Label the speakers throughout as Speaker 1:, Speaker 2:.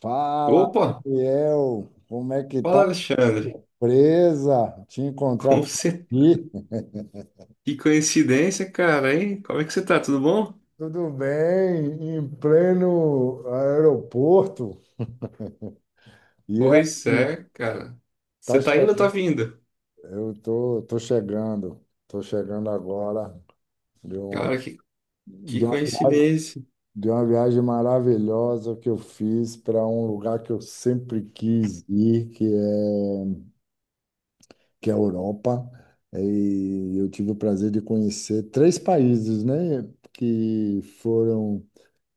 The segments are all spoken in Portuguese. Speaker 1: Fala,
Speaker 2: Opa,
Speaker 1: Daniel, como é que
Speaker 2: fala
Speaker 1: tá?
Speaker 2: Alexandre.
Speaker 1: Surpresa te encontrar
Speaker 2: Como
Speaker 1: por
Speaker 2: você...
Speaker 1: aqui.
Speaker 2: Que coincidência, cara, hein? Como é que você tá? Tudo bom?
Speaker 1: Tudo bem, em pleno aeroporto. E é,
Speaker 2: Pois é, cara.
Speaker 1: tá
Speaker 2: Você tá indo ou tá
Speaker 1: chegando.
Speaker 2: vindo?
Speaker 1: Eu tô chegando agora de, um,
Speaker 2: Cara, que, que
Speaker 1: de, uma, viagem
Speaker 2: coincidência.
Speaker 1: de uma viagem maravilhosa que eu fiz para um lugar que eu sempre quis ir, que é a Europa. E eu tive o prazer de conhecer três países, né? Que foram,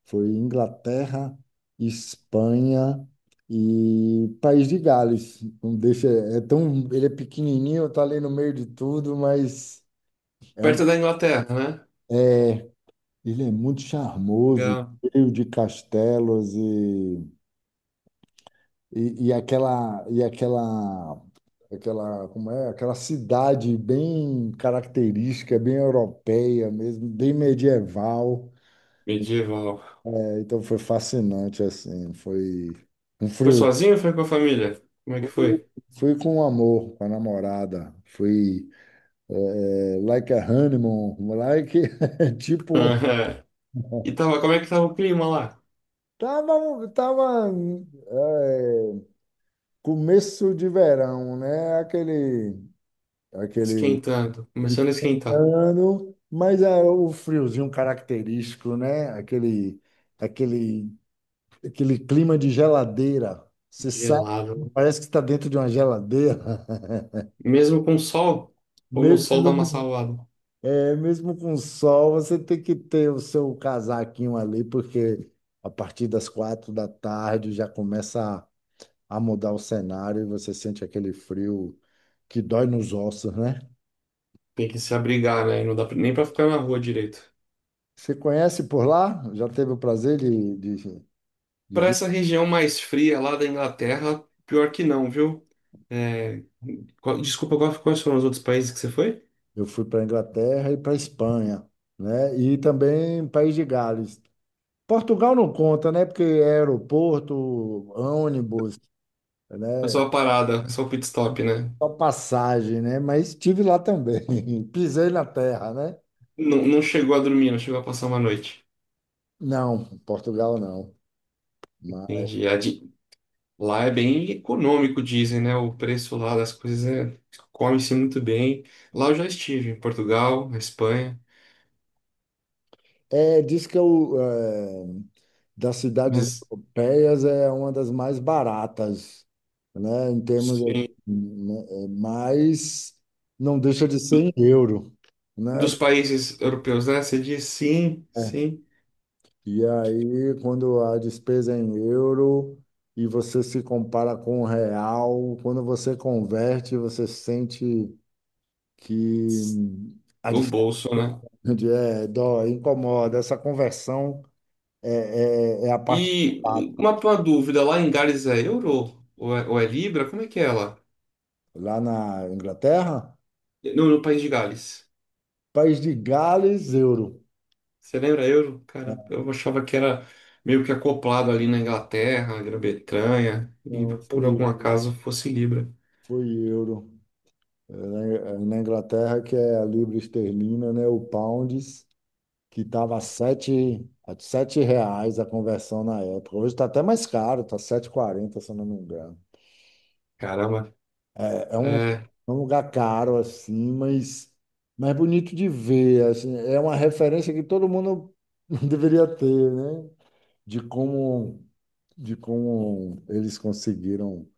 Speaker 1: foi Inglaterra, Espanha e País de Gales. Não deixa, é tão, ele é pequenininho, tá ali no meio de tudo, mas é um
Speaker 2: Perto da Inglaterra, né?
Speaker 1: ele é muito charmoso,
Speaker 2: Legal.
Speaker 1: cheio de castelos e aquela cidade bem característica, bem europeia mesmo, bem medieval.
Speaker 2: Medieval.
Speaker 1: É, então foi fascinante assim, foi um
Speaker 2: Foi
Speaker 1: frio.
Speaker 2: sozinho ou foi com a família? Como é que foi?
Speaker 1: Fui com amor, com a namorada. Like a honeymoon, like tipo
Speaker 2: Aham. E tava, como é que tava o clima lá?
Speaker 1: tava é, começo de verão, né? Aquele
Speaker 2: Esquentando. Começando a esquentar.
Speaker 1: ano, mas é o friozinho característico, né? Aquele, aquele clima de geladeira. Você sai,
Speaker 2: Gelado, né?
Speaker 1: parece que está dentro de uma geladeira.
Speaker 2: Mesmo com sol, ou no
Speaker 1: Mesmo,
Speaker 2: sol dá uma
Speaker 1: não-
Speaker 2: salvada.
Speaker 1: é, mesmo com sol, você tem que ter o seu casaquinho ali, porque a partir das 4 da tarde já começa a mudar o cenário e você sente aquele frio que dói nos ossos, né?
Speaker 2: Tem que se abrigar, né? Nem pra ficar na rua direito.
Speaker 1: Você conhece por lá? Já teve o prazer de
Speaker 2: Para
Speaker 1: vir?
Speaker 2: essa região mais fria lá da Inglaterra, pior que não, viu? É, desculpa, quais foram os outros países que você foi?
Speaker 1: Eu fui para a Inglaterra e para a Espanha, né? E também País de Gales. Portugal não conta, né? Porque é aeroporto, ônibus,
Speaker 2: Foi
Speaker 1: né?
Speaker 2: só uma parada, só o pit stop, né?
Speaker 1: Só passagem, né? Mas estive lá também. Pisei na terra, né?
Speaker 2: Não, não chegou a dormir, não chegou a passar uma noite.
Speaker 1: Não, Portugal não. Mas
Speaker 2: Entendi. Lá é bem econômico, dizem, né? O preço lá das coisas é... come-se muito bem. Lá eu já estive, em Portugal, na Espanha,
Speaker 1: é, diz que eu, é, das cidades
Speaker 2: mas
Speaker 1: europeias é uma das mais baratas, né? Em termos,
Speaker 2: sim.
Speaker 1: né. Mas não deixa de ser em euro, né?
Speaker 2: Dos países europeus, né? Você diz, sim,
Speaker 1: É.
Speaker 2: sim.
Speaker 1: E aí, quando a despesa é em euro e você se compara com o real, quando você converte, você sente que a
Speaker 2: O
Speaker 1: diferença
Speaker 2: bolso, né?
Speaker 1: incomoda. Essa conversão é a parte
Speaker 2: E
Speaker 1: chata.
Speaker 2: uma dúvida, lá em Gales é euro? Ou é libra? Como é que é lá?
Speaker 1: Lá na Inglaterra,
Speaker 2: Não, no país de Gales.
Speaker 1: País de Gales, euro.
Speaker 2: Você lembra euro? Cara, eu achava que era meio que acoplado ali na Inglaterra, na Grã-Bretanha, e
Speaker 1: Não,
Speaker 2: por
Speaker 1: foi,
Speaker 2: algum acaso fosse libra.
Speaker 1: foi euro. É, na Inglaterra, que é a libra esterlina, né? O pounds. Que estava a sete reais a conversão na época. Hoje está até mais caro, está 7,40, se eu não me engano.
Speaker 2: Caramba,
Speaker 1: É
Speaker 2: é,
Speaker 1: um lugar caro, assim, mas é bonito de ver. Assim, é uma referência que todo mundo deveria ter, né? De como, de como eles conseguiram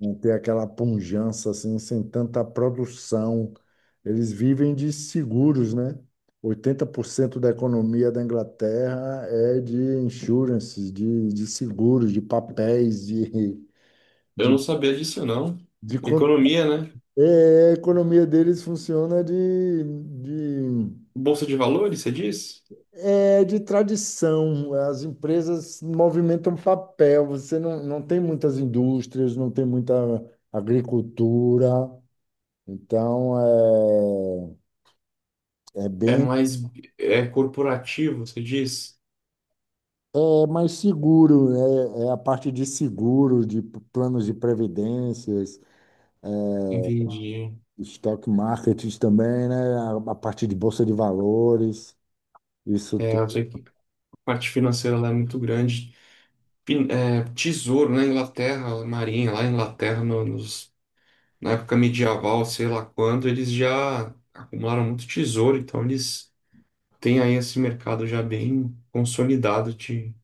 Speaker 1: não ter aquela pujança assim, sem tanta produção. Eles vivem de seguros, né? 80% da economia da Inglaterra é de insurances, de seguros, de papéis,
Speaker 2: eu
Speaker 1: de,
Speaker 2: não sabia disso não.
Speaker 1: de con-
Speaker 2: Economia, né?
Speaker 1: a economia deles funciona de,
Speaker 2: Bolsa de valores, você diz?
Speaker 1: de tradição. As empresas movimentam papel. Você não tem muitas indústrias, não tem muita agricultura. Então, é, é
Speaker 2: É
Speaker 1: bem
Speaker 2: mais é corporativo, você diz?
Speaker 1: é mais seguro, né? É a parte de seguro, de planos de previdências,
Speaker 2: Entendi.
Speaker 1: stock market também, né? A parte de bolsa de valores, isso,
Speaker 2: É, eu sei que a parte financeira lá é muito grande. É, tesouro na Inglaterra, marinha lá na Inglaterra, na época medieval, sei lá quando, eles já acumularam muito tesouro, então eles têm aí esse mercado já bem consolidado de,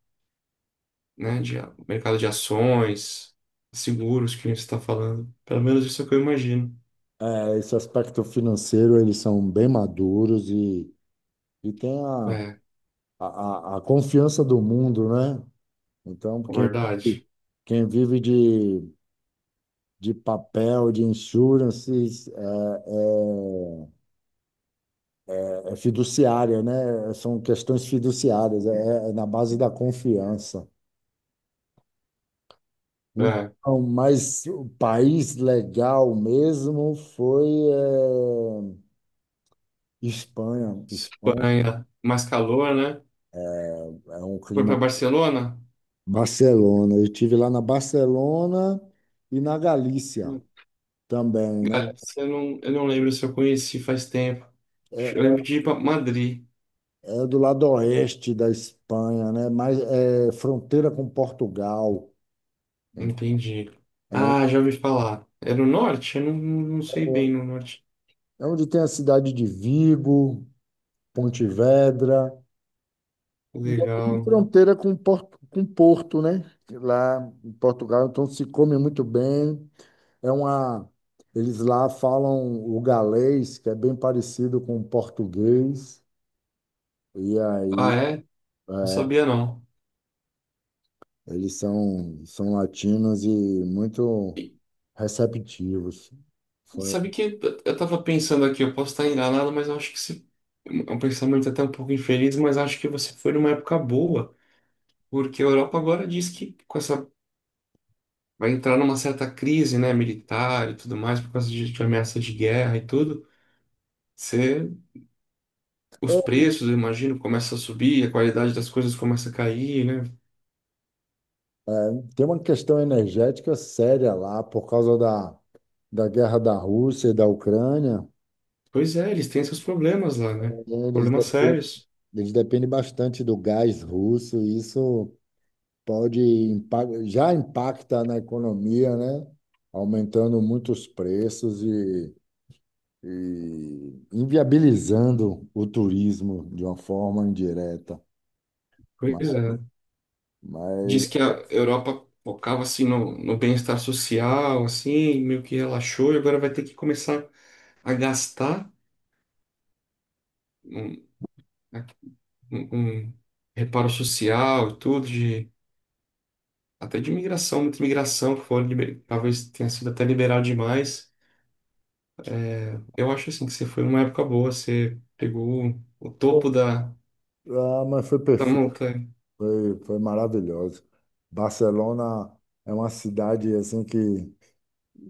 Speaker 2: né, de mercado de ações, seguros que a gente está falando. Pelo menos isso é o que eu imagino.
Speaker 1: esse aspecto financeiro, eles são bem maduros e tem
Speaker 2: É,
Speaker 1: a, a confiança do mundo, né? Então,
Speaker 2: é
Speaker 1: quem,
Speaker 2: verdade.
Speaker 1: quem vive de papel, de insurances, é É fiduciária, né? São questões fiduciárias, é na base da confiança.
Speaker 2: É,
Speaker 1: Então, mas o país legal mesmo foi Espanha. Espanha
Speaker 2: Espanha, mais calor, né?
Speaker 1: é um
Speaker 2: Foi para
Speaker 1: clima.
Speaker 2: Barcelona?
Speaker 1: Barcelona. Eu tive lá na Barcelona e na Galícia também, né?
Speaker 2: Cara, você não, eu não lembro se eu conheci faz tempo. Eu
Speaker 1: É
Speaker 2: lembro de ir para Madrid.
Speaker 1: é do lado oeste da Espanha, né? Mas é fronteira com Portugal.
Speaker 2: Entendi.
Speaker 1: É, um-
Speaker 2: Ah, já ouvi falar. É no norte? Eu não, não sei bem no norte.
Speaker 1: é onde tem a cidade de Vigo, Pontevedra. E é tudo
Speaker 2: Legal.
Speaker 1: fronteira com Porto, né? Lá em Portugal, então se come muito bem. É uma, eles lá falam o galês, que é bem parecido com o português. E
Speaker 2: Ah,
Speaker 1: aí
Speaker 2: é? Não
Speaker 1: é,
Speaker 2: sabia não.
Speaker 1: eles são latinos e muito
Speaker 2: E
Speaker 1: receptivos. Foi-
Speaker 2: sabe que eu tava pensando aqui, eu posso estar enganado, mas eu acho que se... é um pensamento até um pouco infeliz, mas acho que você foi numa época boa, porque a Europa agora diz que com essa vai entrar numa certa crise, né, militar e tudo mais, por causa de ameaça de guerra e tudo. Você... Os
Speaker 1: É,
Speaker 2: preços, eu imagino, começam a subir, a qualidade das coisas começa a cair, né?
Speaker 1: tem uma questão energética séria lá por causa da guerra da Rússia e da Ucrânia.
Speaker 2: Pois é, eles têm seus problemas lá, né?
Speaker 1: Eles
Speaker 2: Problemas
Speaker 1: dependem
Speaker 2: sérios.
Speaker 1: Eles dependem bastante do gás russo, e isso já impacta na economia, né? Aumentando muitos preços e inviabilizando o turismo de uma forma indireta. Mas,
Speaker 2: Pois é.
Speaker 1: mas,
Speaker 2: Diz que a Europa focava assim no, no bem-estar social, assim, meio que relaxou, e agora vai ter que começar a gastar um, um- um reparo social e tudo, de, até de imigração, muita imigração, que foi, talvez tenha sido até liberal demais. Eu acho assim que você foi numa época boa, você pegou o
Speaker 1: Pô,
Speaker 2: topo da,
Speaker 1: ah, mas foi
Speaker 2: da
Speaker 1: perfeito,
Speaker 2: montanha,
Speaker 1: foi maravilhoso. Barcelona é uma cidade assim que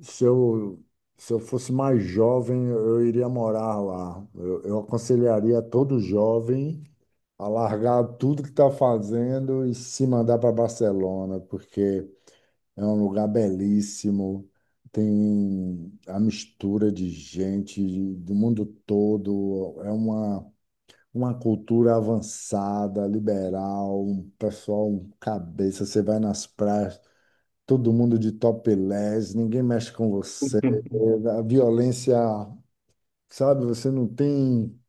Speaker 1: Se eu, se eu fosse mais jovem, eu iria morar lá. Eu aconselharia todo jovem a largar tudo que está fazendo e se mandar para Barcelona, porque é um lugar belíssimo, tem a mistura de gente do mundo todo, uma cultura avançada, liberal, um pessoal um cabeça, você vai nas praias todo mundo de topless, ninguém mexe com você, é, a violência, sabe? Você não tem,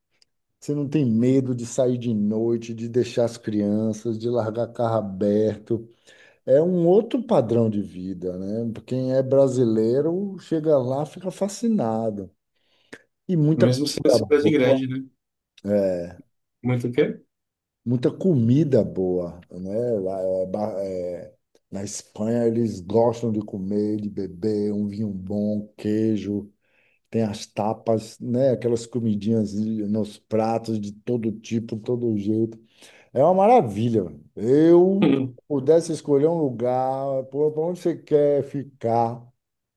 Speaker 1: você não tem medo de sair de noite, de deixar as crianças, de largar carro aberto. É um outro padrão de vida, né? Quem é brasileiro chega lá, fica fascinado. E muita
Speaker 2: mesmo sendo uma
Speaker 1: comida
Speaker 2: cidade
Speaker 1: boa,
Speaker 2: grande, né?
Speaker 1: é,
Speaker 2: Muito o quê?
Speaker 1: muita comida boa, né? Lá, é, ba- é, na Espanha eles gostam de comer, de beber, um vinho bom, queijo. Tem as tapas, né? Aquelas comidinhas nos pratos de todo tipo, todo jeito. É uma maravilha, mano. Eu pudesse escolher um lugar, para onde você quer ficar.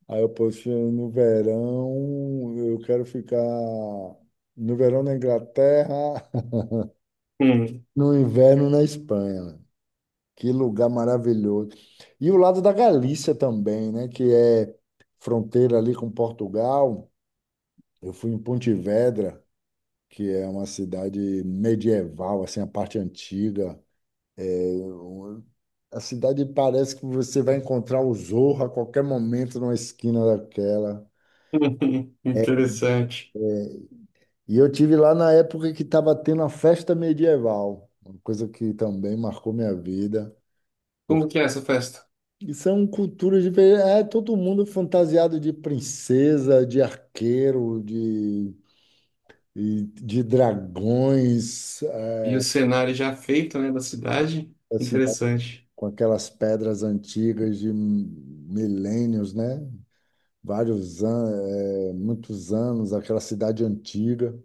Speaker 1: Aí eu posso no verão, eu quero ficar no verão na Inglaterra, no inverno na Espanha. Mano. Que lugar maravilhoso. E o lado da Galícia também, né? Que é fronteira ali com Portugal. Eu fui em Pontevedra que é uma cidade medieval, assim, a parte antiga. Eu- A cidade parece que você vai encontrar o Zorro a qualquer momento numa esquina daquela.
Speaker 2: Uhum, interessante.
Speaker 1: E eu tive lá na época que estava tendo a festa medieval, uma coisa que também marcou minha vida.
Speaker 2: Como
Speaker 1: Porque
Speaker 2: que é essa festa?
Speaker 1: são culturas diferentes. É todo mundo fantasiado de princesa, de arqueiro, de dragões.
Speaker 2: E o
Speaker 1: É,
Speaker 2: cenário já feito, né, da cidade?
Speaker 1: assim,
Speaker 2: Interessante,
Speaker 1: com aquelas pedras antigas de milênios, né? Vários anos, muitos anos, aquela cidade antiga.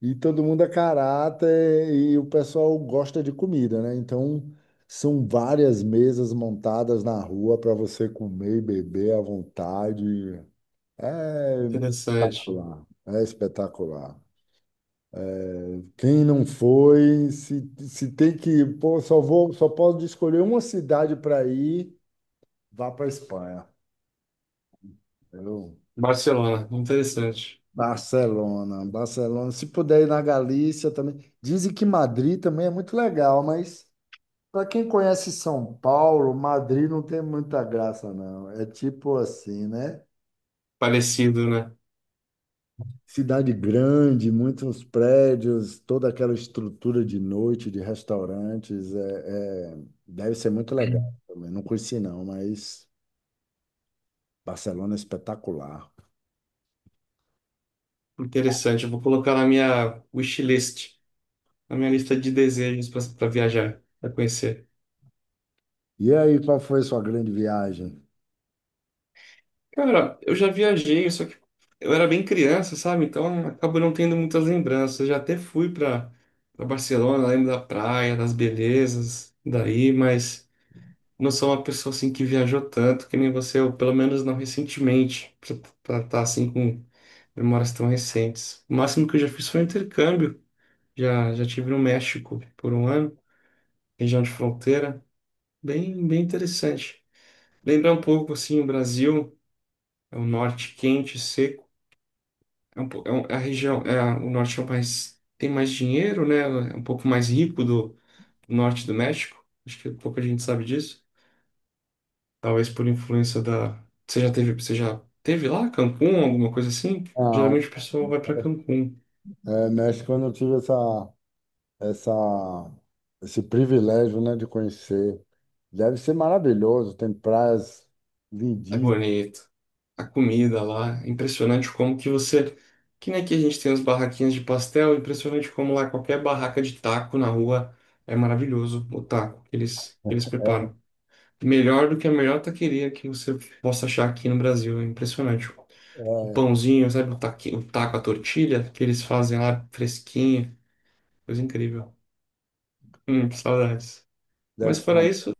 Speaker 1: E todo mundo é caráter e o pessoal gosta de comida, né? Então, são várias mesas montadas na rua para você comer e beber à vontade. É
Speaker 2: interessante.
Speaker 1: espetacular, é espetacular. Quem não foi, se tem que, pô, só posso escolher uma cidade para ir, vá para Espanha. Eu-
Speaker 2: Barcelona, interessante.
Speaker 1: Barcelona, Barcelona. Se puder ir na Galícia também. Dizem que Madrid também é muito legal, mas para quem conhece São Paulo, Madrid não tem muita graça, não. É tipo assim, né?
Speaker 2: Parecido, né?
Speaker 1: Cidade grande, muitos prédios, toda aquela estrutura de noite, de restaurantes. Deve ser muito legal também. Não conheci, não, mas Barcelona é espetacular.
Speaker 2: Interessante. Eu vou colocar na minha wishlist, na minha lista de desejos para viajar, para conhecer.
Speaker 1: E aí, qual foi a sua grande viagem?
Speaker 2: Cara, eu já viajei, só que eu era bem criança, sabe? Então acabo não tendo muitas lembranças. Eu já até fui para Barcelona, lembro da praia, das belezas daí, mas não sou uma pessoa assim que viajou tanto que nem você, ou pelo menos não recentemente, para estar assim com memórias tão recentes. O máximo que eu já fiz foi um intercâmbio. Já tive no México por um ano, região de fronteira, bem interessante. Lembra um pouco assim o Brasil, é o norte quente, seco. É a região, é a- o norte é o mais tem mais dinheiro, né? É um pouco mais rico do, do norte do México. Acho que pouca gente sabe disso. Talvez por influência da. Você já teve lá Cancún, alguma coisa assim?
Speaker 1: Não,
Speaker 2: Geralmente o pessoal vai para Cancún.
Speaker 1: México eu não tive essa. essa, esse privilégio, né, de conhecer. Deve ser maravilhoso, tem praias
Speaker 2: É
Speaker 1: lindíssimas,
Speaker 2: bonito. A comida lá, é impressionante como que você. Que nem aqui a gente tem as barraquinhas de pastel, é impressionante como lá qualquer barraca de taco na rua é maravilhoso o taco que eles preparam. Melhor do que a melhor taqueria que você possa achar aqui no Brasil. É impressionante. O
Speaker 1: é,
Speaker 2: pãozinho, sabe, o taco, a tortilha que eles fazem lá fresquinho, coisa incrível. Que saudades.
Speaker 1: deve
Speaker 2: Mas
Speaker 1: ser
Speaker 2: fora
Speaker 1: uma.
Speaker 2: isso,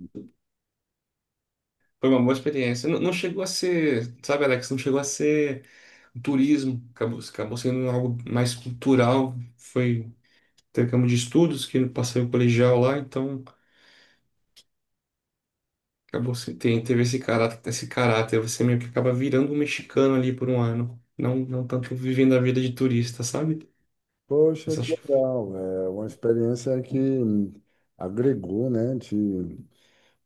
Speaker 2: foi uma boa experiência. Não, não chegou a ser, sabe, Alex, não chegou a ser um turismo, acabou sendo algo mais cultural. Foi, teve campo de estudos que eu passei o colegial lá, então acabou se- tem, teve esse caráter, esse caráter. Você meio que acaba virando um mexicano ali por um ano. Não, não tanto vivendo a vida de turista, sabe?
Speaker 1: Poxa,
Speaker 2: Mas
Speaker 1: que
Speaker 2: acho que
Speaker 1: legal, é uma experiência que agregou, né, te.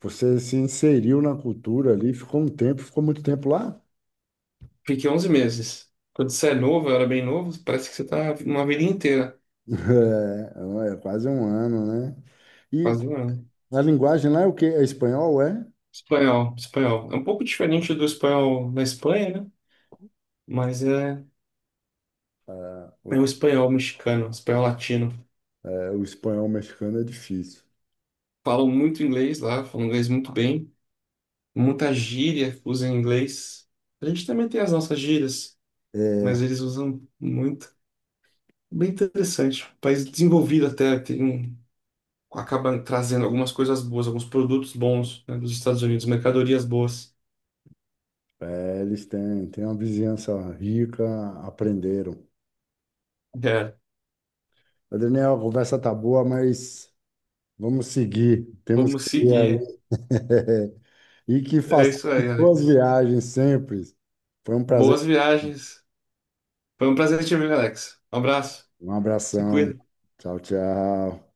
Speaker 1: Você se inseriu na cultura ali, ficou um tempo, ficou muito tempo lá?
Speaker 2: fiquei 11 meses. Quando você é novo, eu era bem novo, parece que você tá uma vida inteira,
Speaker 1: É, é quase um ano, né? E
Speaker 2: quase um ano.
Speaker 1: a linguagem lá é o quê? É espanhol, é?
Speaker 2: Espanhol, espanhol. É um pouco diferente do espanhol na Espanha, né? Mas é, é um espanhol mexicano, espanhol latino.
Speaker 1: É, o espanhol mexicano é difícil.
Speaker 2: Falam muito inglês lá, falam inglês muito bem. Muita gíria usam inglês. A gente também tem as nossas gírias, mas eles usam muito. Bem interessante. Um país desenvolvido até, tem, um, acaba trazendo algumas coisas boas, alguns produtos bons, né, dos Estados Unidos, mercadorias boas.
Speaker 1: É, eles têm uma vizinhança rica, aprenderam.
Speaker 2: É,
Speaker 1: Ô, Daniel, a conversa tá boa, mas vamos seguir. Temos
Speaker 2: vamos
Speaker 1: que ir
Speaker 2: seguir.
Speaker 1: aí. E que
Speaker 2: É
Speaker 1: façamos
Speaker 2: isso aí,
Speaker 1: boas
Speaker 2: Alex.
Speaker 1: viagens sempre. Foi um prazer.
Speaker 2: Boas viagens. Foi um prazer te ver, Alex. Um abraço.
Speaker 1: Um
Speaker 2: Se
Speaker 1: abração.
Speaker 2: cuida.
Speaker 1: Tchau, tchau.